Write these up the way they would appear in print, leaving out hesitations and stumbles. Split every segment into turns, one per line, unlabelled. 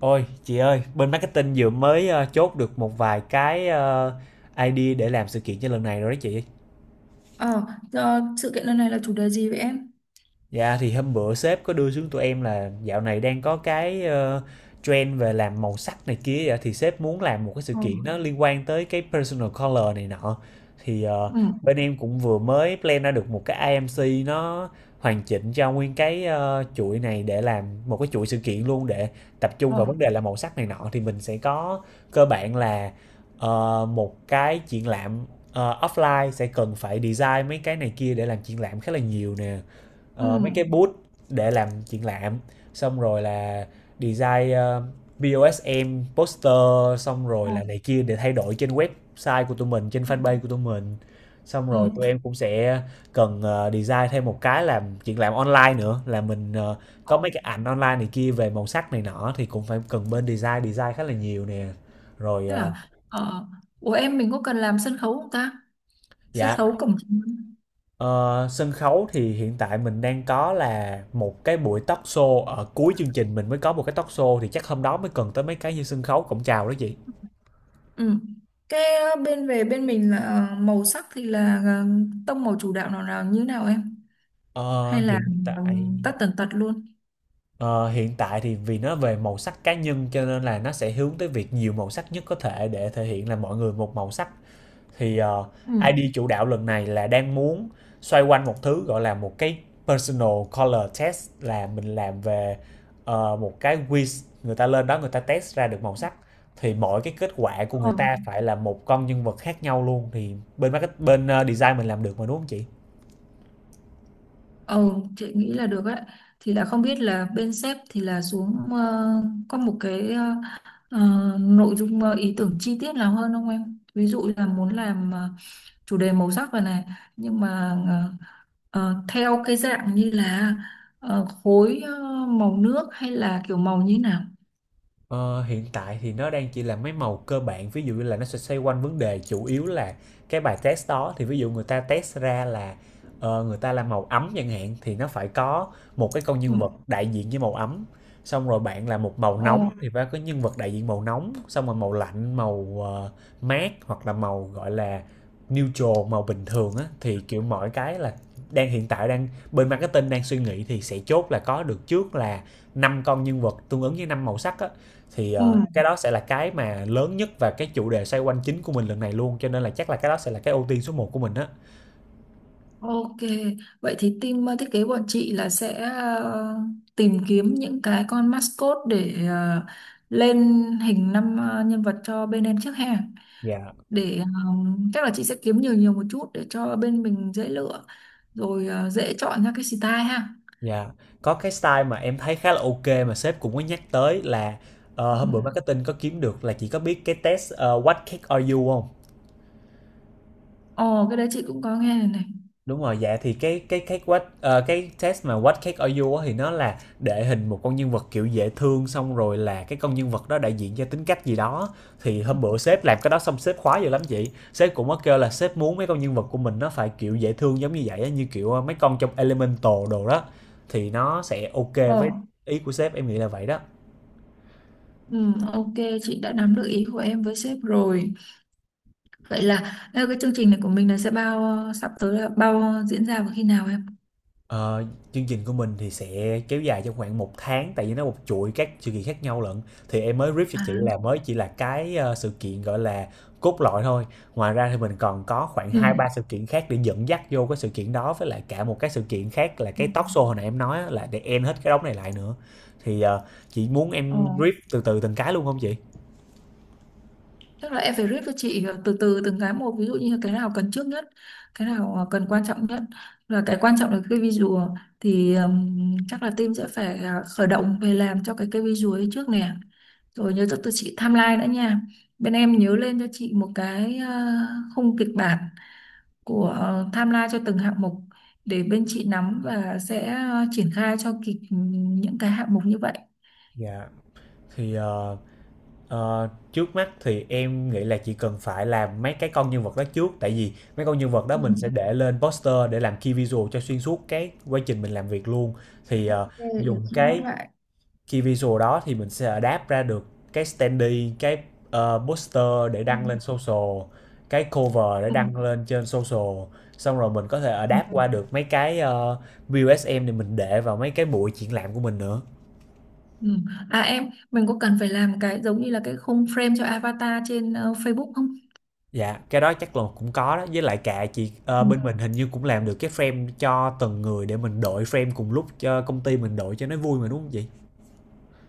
Ôi, chị ơi, bên marketing vừa mới chốt được một vài cái idea để làm sự kiện cho lần này rồi đó chị.
Ờ, sự kiện lần này là chủ đề gì vậy em?
Dạ thì hôm bữa sếp có đưa xuống tụi em là dạo này đang có cái trend về làm màu sắc này kia, vậy thì sếp muốn làm một cái sự
Ờ.
kiện nó liên quan tới cái personal color này nọ. thì ờ,
Ừ.
Bên em cũng vừa mới plan ra được một cái IMC nó hoàn chỉnh cho nguyên cái chuỗi này để làm một cái chuỗi sự kiện luôn, để tập trung
Ờ.
vào vấn đề là màu sắc này nọ. Thì mình sẽ có cơ bản là một cái triển lãm offline, sẽ cần phải design mấy cái này kia để làm triển lãm khá là nhiều nè.
Ừ.
Ờ, mấy cái booth để làm triển lãm, xong rồi là design POSM, poster, xong rồi
Ờ.
là này kia để thay đổi trên website của tụi mình, trên fanpage của tụi mình. Xong rồi
Ừ.
tụi em cũng sẽ cần design thêm một cái làm triển lãm online nữa, là mình có
Ờ.
mấy cái ảnh online này kia về màu sắc này nọ, thì cũng phải cần bên design design khá là nhiều nè. Rồi
Thế
ờ,
là, của em mình có cần làm sân khấu không ta? Sân
dạ.
khấu cổng chính.
Ờ, sân khấu thì hiện tại mình đang có là một cái buổi talk show ở cuối chương trình, mình mới có một cái talk show, thì chắc hôm đó mới cần tới mấy cái như sân khấu cổng chào đó chị.
Ừ. Cái bên về bên mình là màu sắc thì là tông màu chủ đạo nào nào như nào em?
Ờ,
Hay là
hiện
ờ,
tại
tất tần tật luôn?
ờ, hiện tại thì vì nó về màu sắc cá nhân cho nên là nó sẽ hướng tới việc nhiều màu sắc nhất có thể để thể hiện là mọi người một màu sắc. Thì
Ừ.
ID chủ đạo lần này là đang muốn xoay quanh một thứ gọi là một cái personal color test, là mình làm về uh, một cái quiz, người ta lên đó người ta test ra được màu sắc, thì mỗi cái kết quả của
Ờ,
người ta phải là một con nhân vật khác nhau luôn. Thì bên market, bên design mình làm được mà đúng không chị?
ờ, chị nghĩ là được ấy. Thì là không biết là bên sếp thì là xuống có một cái Ờ, nội dung ý tưởng chi tiết nào hơn không em? Ví dụ là muốn làm chủ đề màu sắc rồi này, nhưng mà theo cái dạng như là khối màu nước hay là kiểu màu như nào?
Ờ, hiện tại thì nó đang chỉ là mấy màu cơ bản, ví dụ như là nó sẽ xoay quanh vấn đề chủ yếu là cái bài test đó. Thì ví dụ người ta test ra là người ta làm màu ấm chẳng hạn, thì nó phải có một cái con
Ừ.
nhân vật đại diện với màu ấm. Xong rồi bạn là một màu nóng
Ồ,
thì phải có nhân vật đại diện màu nóng, xong rồi màu lạnh, màu mát, hoặc là màu gọi là neutral, màu bình thường á. Thì kiểu mọi cái là đang hiện tại đang bên marketing đang suy nghĩ, thì sẽ chốt là có được trước là năm con nhân vật tương ứng với năm màu sắc á. Thì,
ừ.
ờ, cái đó sẽ là cái mà lớn nhất và cái chủ đề xoay quanh chính của mình lần này luôn, cho nên là chắc là cái đó sẽ là cái ưu tiên số một của mình á.
Ok, vậy thì team thiết kế bọn chị là sẽ tìm kiếm những cái con mascot để lên hình năm nhân vật cho bên em trước ha.
Dạ,
Để chắc là chị sẽ kiếm nhiều nhiều một chút để cho bên mình dễ lựa, rồi dễ chọn ra cái style ha.
dạ. Có cái style mà em thấy khá là ok mà sếp cũng có nhắc tới là,
Ừ.
hôm bữa marketing có kiếm được là chỉ có biết cái test, "What cake are you" hông?
Ồ, cái đấy chị cũng có nghe này này.
Đúng rồi, dạ thì cái what cái test mà What Cake Are You á, thì nó là để hình một con nhân vật kiểu dễ thương, xong rồi là cái con nhân vật đó đại diện cho tính cách gì đó. Thì hôm bữa sếp làm cái đó xong sếp khoái dữ lắm chị. Sếp cũng có kêu là sếp muốn mấy con nhân vật của mình nó phải kiểu dễ thương giống như vậy á, như kiểu mấy con trong Elemental đồ đó, thì nó sẽ ok
Ồ.
với ý của sếp, em nghĩ là vậy đó.
Ừ, ok, chị đã nắm được ý của em với sếp rồi. Vậy là cái chương trình này của mình là sẽ bao sắp tới là bao diễn ra vào khi nào em?
Ờ, chương trình của mình thì sẽ kéo dài trong khoảng một tháng, tại vì nó một chuỗi các sự kiện khác nhau lận. Thì em mới brief cho
À.
chị là mới chỉ là cái sự kiện gọi là cốt lõi thôi. Ngoài ra thì mình còn có khoảng
Ừ.
2 3 sự kiện khác để dẫn dắt vô cái sự kiện đó, với lại cả một cái sự kiện khác là
Ừ.
cái talk show hồi nãy em nói á, là để end hết cái đống này lại nữa. Chị muốn
Ồ.
em brief từ từ từng cái luôn không chị?
Chắc là em phải rip cho chị từ từ từng cái một, ví dụ như cái nào cần trước nhất, cái nào cần quan trọng nhất, và cái quan trọng là cái visual. Thì chắc là team sẽ phải khởi động về làm cho cái visual ấy trước nè. Rồi nhớ cho tụi chị timeline nữa nha. Bên em nhớ lên cho chị một cái khung kịch bản của timeline cho từng hạng mục, để bên chị nắm và sẽ triển khai cho kịp những cái hạng mục như vậy.
Dạ. Thì ờ, Trước mắt thì em nghĩ là chỉ cần phải làm mấy cái con nhân vật đó trước, tại vì mấy con nhân vật đó
Ừ.
mình sẽ để lên poster để làm key visual cho xuyên suốt cái quá trình mình làm việc luôn. thì
Ok,
ờ,
để
Dùng
chị nốt
cái
lại.
key visual đó thì mình sẽ adapt ra được cái standee, cái poster để
Ừ.
đăng lên social, cái cover để đăng lên trên social. Xong rồi mình có thể
Ừ.
adapt qua được mấy cái BUSM để mình để vào mấy cái buổi triển lãm của mình nữa.
Ừ. À em, mình có cần phải làm cái giống như là cái khung frame cho avatar trên Facebook không?
Dạ, cái đó chắc là cũng có đó, với lại cả chị
Ừ.
bên mình hình như cũng làm được cái frame cho từng người để mình đổi frame cùng lúc cho công ty mình đổi cho nó vui mà đúng không chị?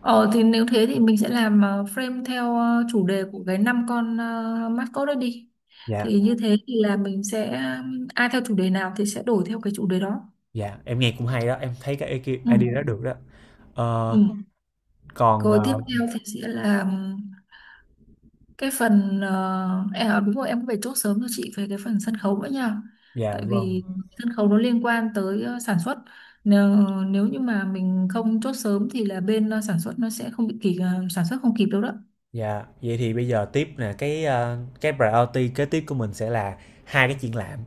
Ờ thì nếu thế thì mình sẽ làm frame theo chủ đề của cái năm con mascot đó đi.
Dạ,
Thì như thế thì là mình sẽ ai theo chủ đề nào thì sẽ đổi theo cái chủ đề đó.
dạ, em nghe cũng hay đó, em thấy cái
Ừ.
idea đó được đó. Ờ,
Ừ.
còn ờ,
Rồi tiếp theo thì sẽ là cái phần em à, đúng rồi em cũng phải chốt sớm cho chị về cái phần sân khấu nữa nha,
dạ
tại
vâng.
vì sân khấu nó liên quan tới sản xuất, nếu, nếu như mà mình không chốt sớm thì là bên sản xuất nó sẽ không bị kịp, sản xuất không kịp đâu đó.
Dạ, vậy thì bây giờ tiếp nè, cái cái priority kế tiếp của mình sẽ là hai cái triển lãm.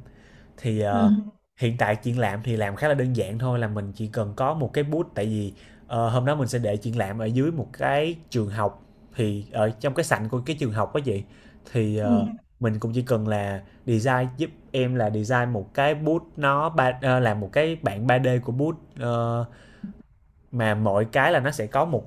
Thì
Ừ.
ờ, Hiện tại triển lãm thì làm khá là đơn giản thôi, là mình chỉ cần có một cái booth, tại vì hôm đó mình sẽ để triển lãm ở dưới một cái trường học, thì ở trong cái sảnh của cái trường học đó chị. thì
Ừ.
ờ, mình cũng chỉ cần là design giúp em là design một cái booth, nó ba làm một cái bản 3D của booth, mà mỗi cái là nó sẽ có một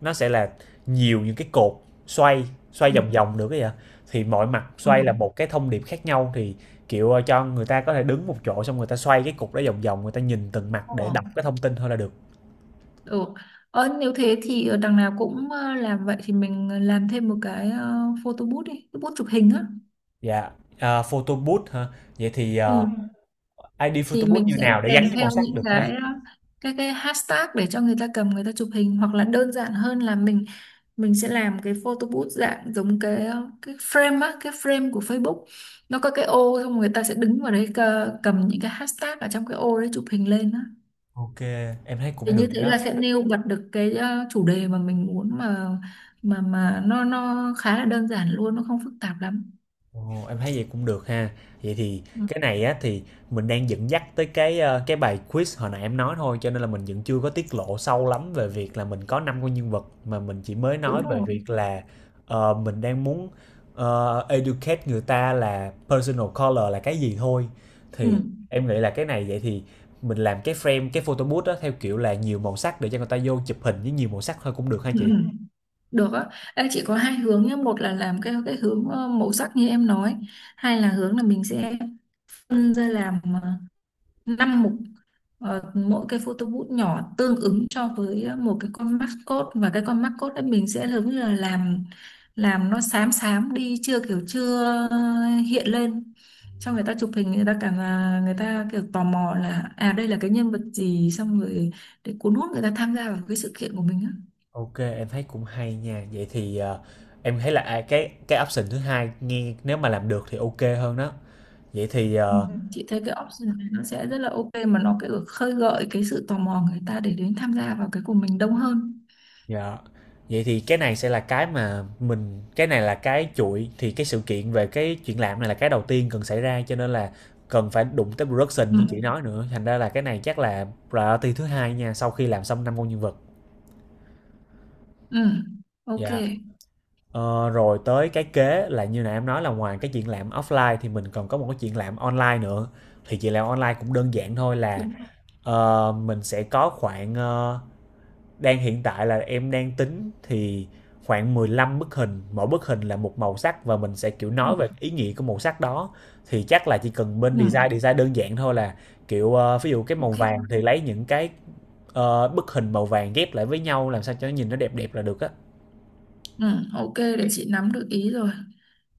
nó sẽ là nhiều những cái cột xoay
Ừ.
xoay vòng vòng được ấy ạ. Thì mọi mặt
Ừ.
xoay là một cái thông điệp khác nhau, thì kiểu cho người ta có thể đứng một chỗ, xong người ta xoay cái cục đó vòng vòng, người ta nhìn từng mặt
Ờ.
để đọc cái thông tin thôi là được.
Ừ. Nếu thế thì đằng nào cũng làm vậy, thì mình làm thêm một cái photo booth đi, cái booth chụp hình á.
Dạ. À, photo booth hả? Vậy thì
Ừ.
ID
Thì
photo booth
mình
như
sẽ
nào để gắn
kèm
với màu
theo
sắc
những
được ha?
cái cái hashtag để cho người ta cầm người ta chụp hình, hoặc là đơn giản hơn là mình sẽ làm cái photo booth dạng giống cái cái frame á, cái frame của Facebook. Nó có cái ô, xong người ta sẽ đứng vào đấy, cầm những cái hashtag ở trong cái ô đấy chụp hình lên á.
Ok em thấy
Thì
cũng được
như thế
đó.
là sẽ nêu bật được cái chủ đề mà mình muốn, mà mà nó khá là đơn giản luôn, nó không phức tạp lắm.
Ồ, em thấy vậy cũng được ha. Vậy thì cái
Ừ,
này á thì mình đang dẫn dắt tới cái cái bài quiz hồi nãy em nói thôi, cho nên là mình vẫn chưa có tiết lộ sâu lắm về việc là mình có năm con nhân vật, mà mình chỉ mới nói
đúng
về
rồi.
việc là mình đang muốn educate người ta là personal color là cái gì thôi.
Ừ.
Thì em nghĩ là cái này vậy thì mình làm cái frame, cái photo booth đó theo kiểu là nhiều màu sắc để cho người ta vô chụp hình với nhiều màu sắc thôi cũng được ha
Ừ.
chị.
Ừ. Được á. Ê, chỉ có hai hướng nhé, một là làm cái hướng màu sắc như em nói, hai là hướng là mình sẽ phân ra làm 5 mục. Mỗi cái photo booth nhỏ tương ứng cho với một cái con mascot, và cái con mascot ấy mình sẽ giống như là làm nó xám xám đi, chưa kiểu chưa ờ, hiện lên cho người ta chụp hình, người ta cảm là người ta kiểu tò mò là à đây là cái nhân vật gì, xong rồi để cuốn hút người ta tham gia vào cái sự kiện của mình á.
Ok, em thấy cũng hay nha. Vậy thì em thấy là à, cái option thứ hai nghe, nếu mà làm được thì ok hơn đó. Vậy thì
Ừ,
ờ,
chị thấy cái option này nó sẽ rất là ok, mà nó cái khơi gợi cái sự tò mò người ta để đến tham gia vào cái của mình đông hơn.
dạ. Vậy thì cái này sẽ là cái mà mình cái này là cái chuỗi, thì cái sự kiện về cái chuyện làm này là cái đầu tiên cần xảy ra, cho nên là cần phải đụng tới production
Ừ.
như chị nói nữa. Thành ra là cái này chắc là priority thứ hai nha, sau khi làm xong năm con nhân vật.
Ừ, ok,
Dạ. Ờ, rồi tới cái kế là như nãy em nói, là ngoài cái chuyện làm offline thì mình còn có một cái chuyện làm online nữa. Thì chuyện làm online cũng đơn giản thôi là
đúng rồi.
mình sẽ có khoảng đang hiện tại là em đang tính thì khoảng 15 bức hình, mỗi bức hình là một màu sắc và mình sẽ kiểu
Ừ.
nói về ý nghĩa của màu sắc đó. Thì chắc là chỉ cần bên design
Ừ,
design đơn giản thôi, là kiểu ví dụ cái màu
ok.
vàng thì lấy những cái bức hình màu vàng ghép lại với nhau làm sao cho nó nhìn nó đẹp đẹp là được á.
Ừ, ok, để chị nắm được ý rồi,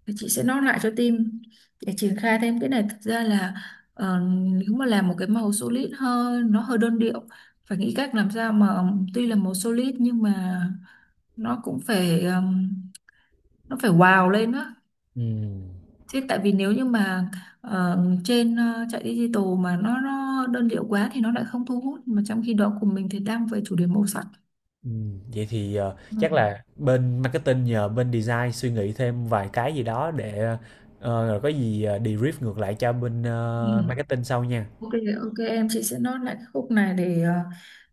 để chị sẽ note lại cho team để triển khai thêm cái này. Thực ra là ờ, nếu mà làm một cái màu solid hơn nó hơi đơn điệu, phải nghĩ cách làm sao mà tuy là màu solid nhưng mà nó cũng phải nó phải wow lên á.
Ừ.
Thế, tại vì nếu như mà ờ, trên chạy digital mà nó đơn điệu quá thì nó lại không thu hút, mà trong khi đó của mình thì đang về chủ đề màu sắc.
Vậy thì, chắc
Rồi.
là bên marketing nhờ bên design suy nghĩ thêm vài cái gì đó để, rồi có gì, debrief ngược lại cho bên,
Ừ.
marketing sau nha.
Ok, ok em, chị sẽ note lại cái khúc này để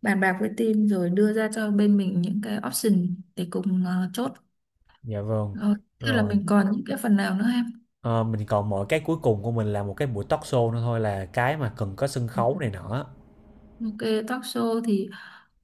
bàn bạc với team rồi đưa ra cho bên mình những cái option để cùng chốt.
Dạ vâng.
Rồi. Thế là
Rồi,
mình còn những cái phần nào nữa em?
ờ, mình còn mỗi cái cuối cùng của mình là một cái buổi talk show nữa thôi, là cái mà cần có sân khấu này nọ.
Ok, talk show thì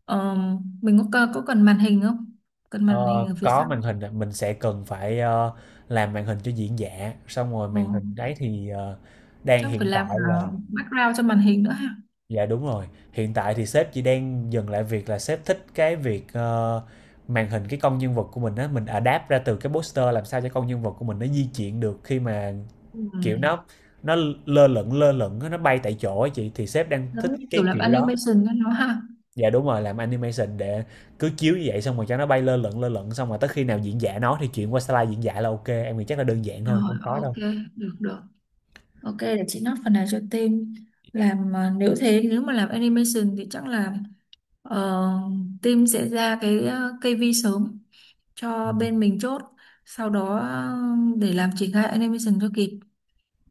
ờ, mình có cần màn hình không? Cần
Ờ,
màn hình ở phía
có
sau.
màn hình mình sẽ cần phải, làm màn hình cho diễn giả, xong rồi
Ờ,
màn hình đấy thì, đang
chắc phải
hiện
làm
tại là
cả background cho màn hình nữa ha.
dạ đúng rồi. Hiện tại thì sếp chỉ đang dừng lại việc là sếp thích cái việc, màn hình cái con nhân vật của mình á, mình adapt ra từ cái poster làm sao cho con nhân vật của mình nó di chuyển được, khi mà,
Ừ.
kiểu, nó lơ lửng á, nó bay tại chỗ á chị, thì sếp đang thích
Giống như
cái
kiểu làm
kiểu đó.
animation cho nó ha.
Dạ đúng rồi, làm animation để cứ chiếu như vậy, xong rồi cho nó bay lơ lửng, lơ lửng, xong rồi tới khi nào diễn giả nó thì chuyển qua slide diễn giả là ok. Em nghĩ chắc là đơn giản thôi,
Rồi,
không khó
ok,
đâu.
được được, ok, để chị note phần này cho team làm. Nếu thế, nếu mà làm animation thì chắc là ờ, team sẽ ra cái kây vi sớm cho bên mình chốt, sau đó để làm triển khai animation cho kịp.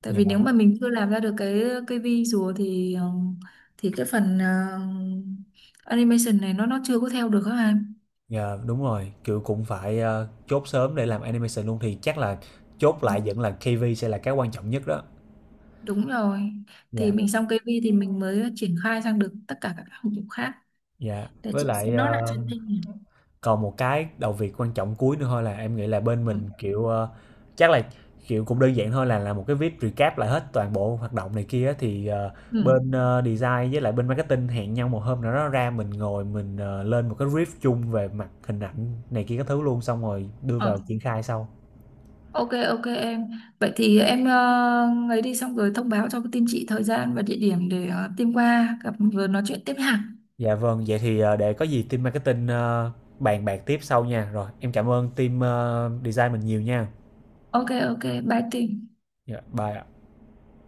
Tại
Dạ.
vì nếu mà mình chưa làm ra được cái kây vi rùa thì thì cái phần animation này nó chưa có theo được các
Dạ, đúng rồi, kiểu, cũng phải, chốt sớm để làm animation luôn, thì chắc là chốt lại
em.
vẫn là KV sẽ là cái quan trọng nhất đó.
Đúng rồi. Thì
Dạ,
mình xong cây vi thì mình mới triển khai sang được tất cả các hạng mục khác.
dạ,
Để
với
chị sẽ
lại,
nốt lại cho anh thêm nhỉ.
còn một cái đầu việc quan trọng cuối nữa thôi, là em nghĩ là bên
Ừ.
mình, kiểu, chắc là, kiểu, cũng đơn giản thôi, là làm một cái viết recap lại hết toàn bộ hoạt động này kia á, thì,
Ừ.
bên, design với lại bên marketing hẹn nhau một hôm nào đó ra mình ngồi mình, lên một cái brief chung về mặt hình ảnh này kia các thứ luôn, xong rồi đưa
Ờ.
vào triển khai sau.
Ok, ok em. Vậy thì em ấy đi xong rồi thông báo cho team chị thời gian và địa điểm để team qua gặp rồi nói chuyện tiếp hàng.
Dạ vâng, vậy thì, để có gì team marketing, bàn bạc tiếp sau nha. Rồi, em cảm ơn team, design mình nhiều nha.
Ok, ok, bye team.
Dạ, bye ạ.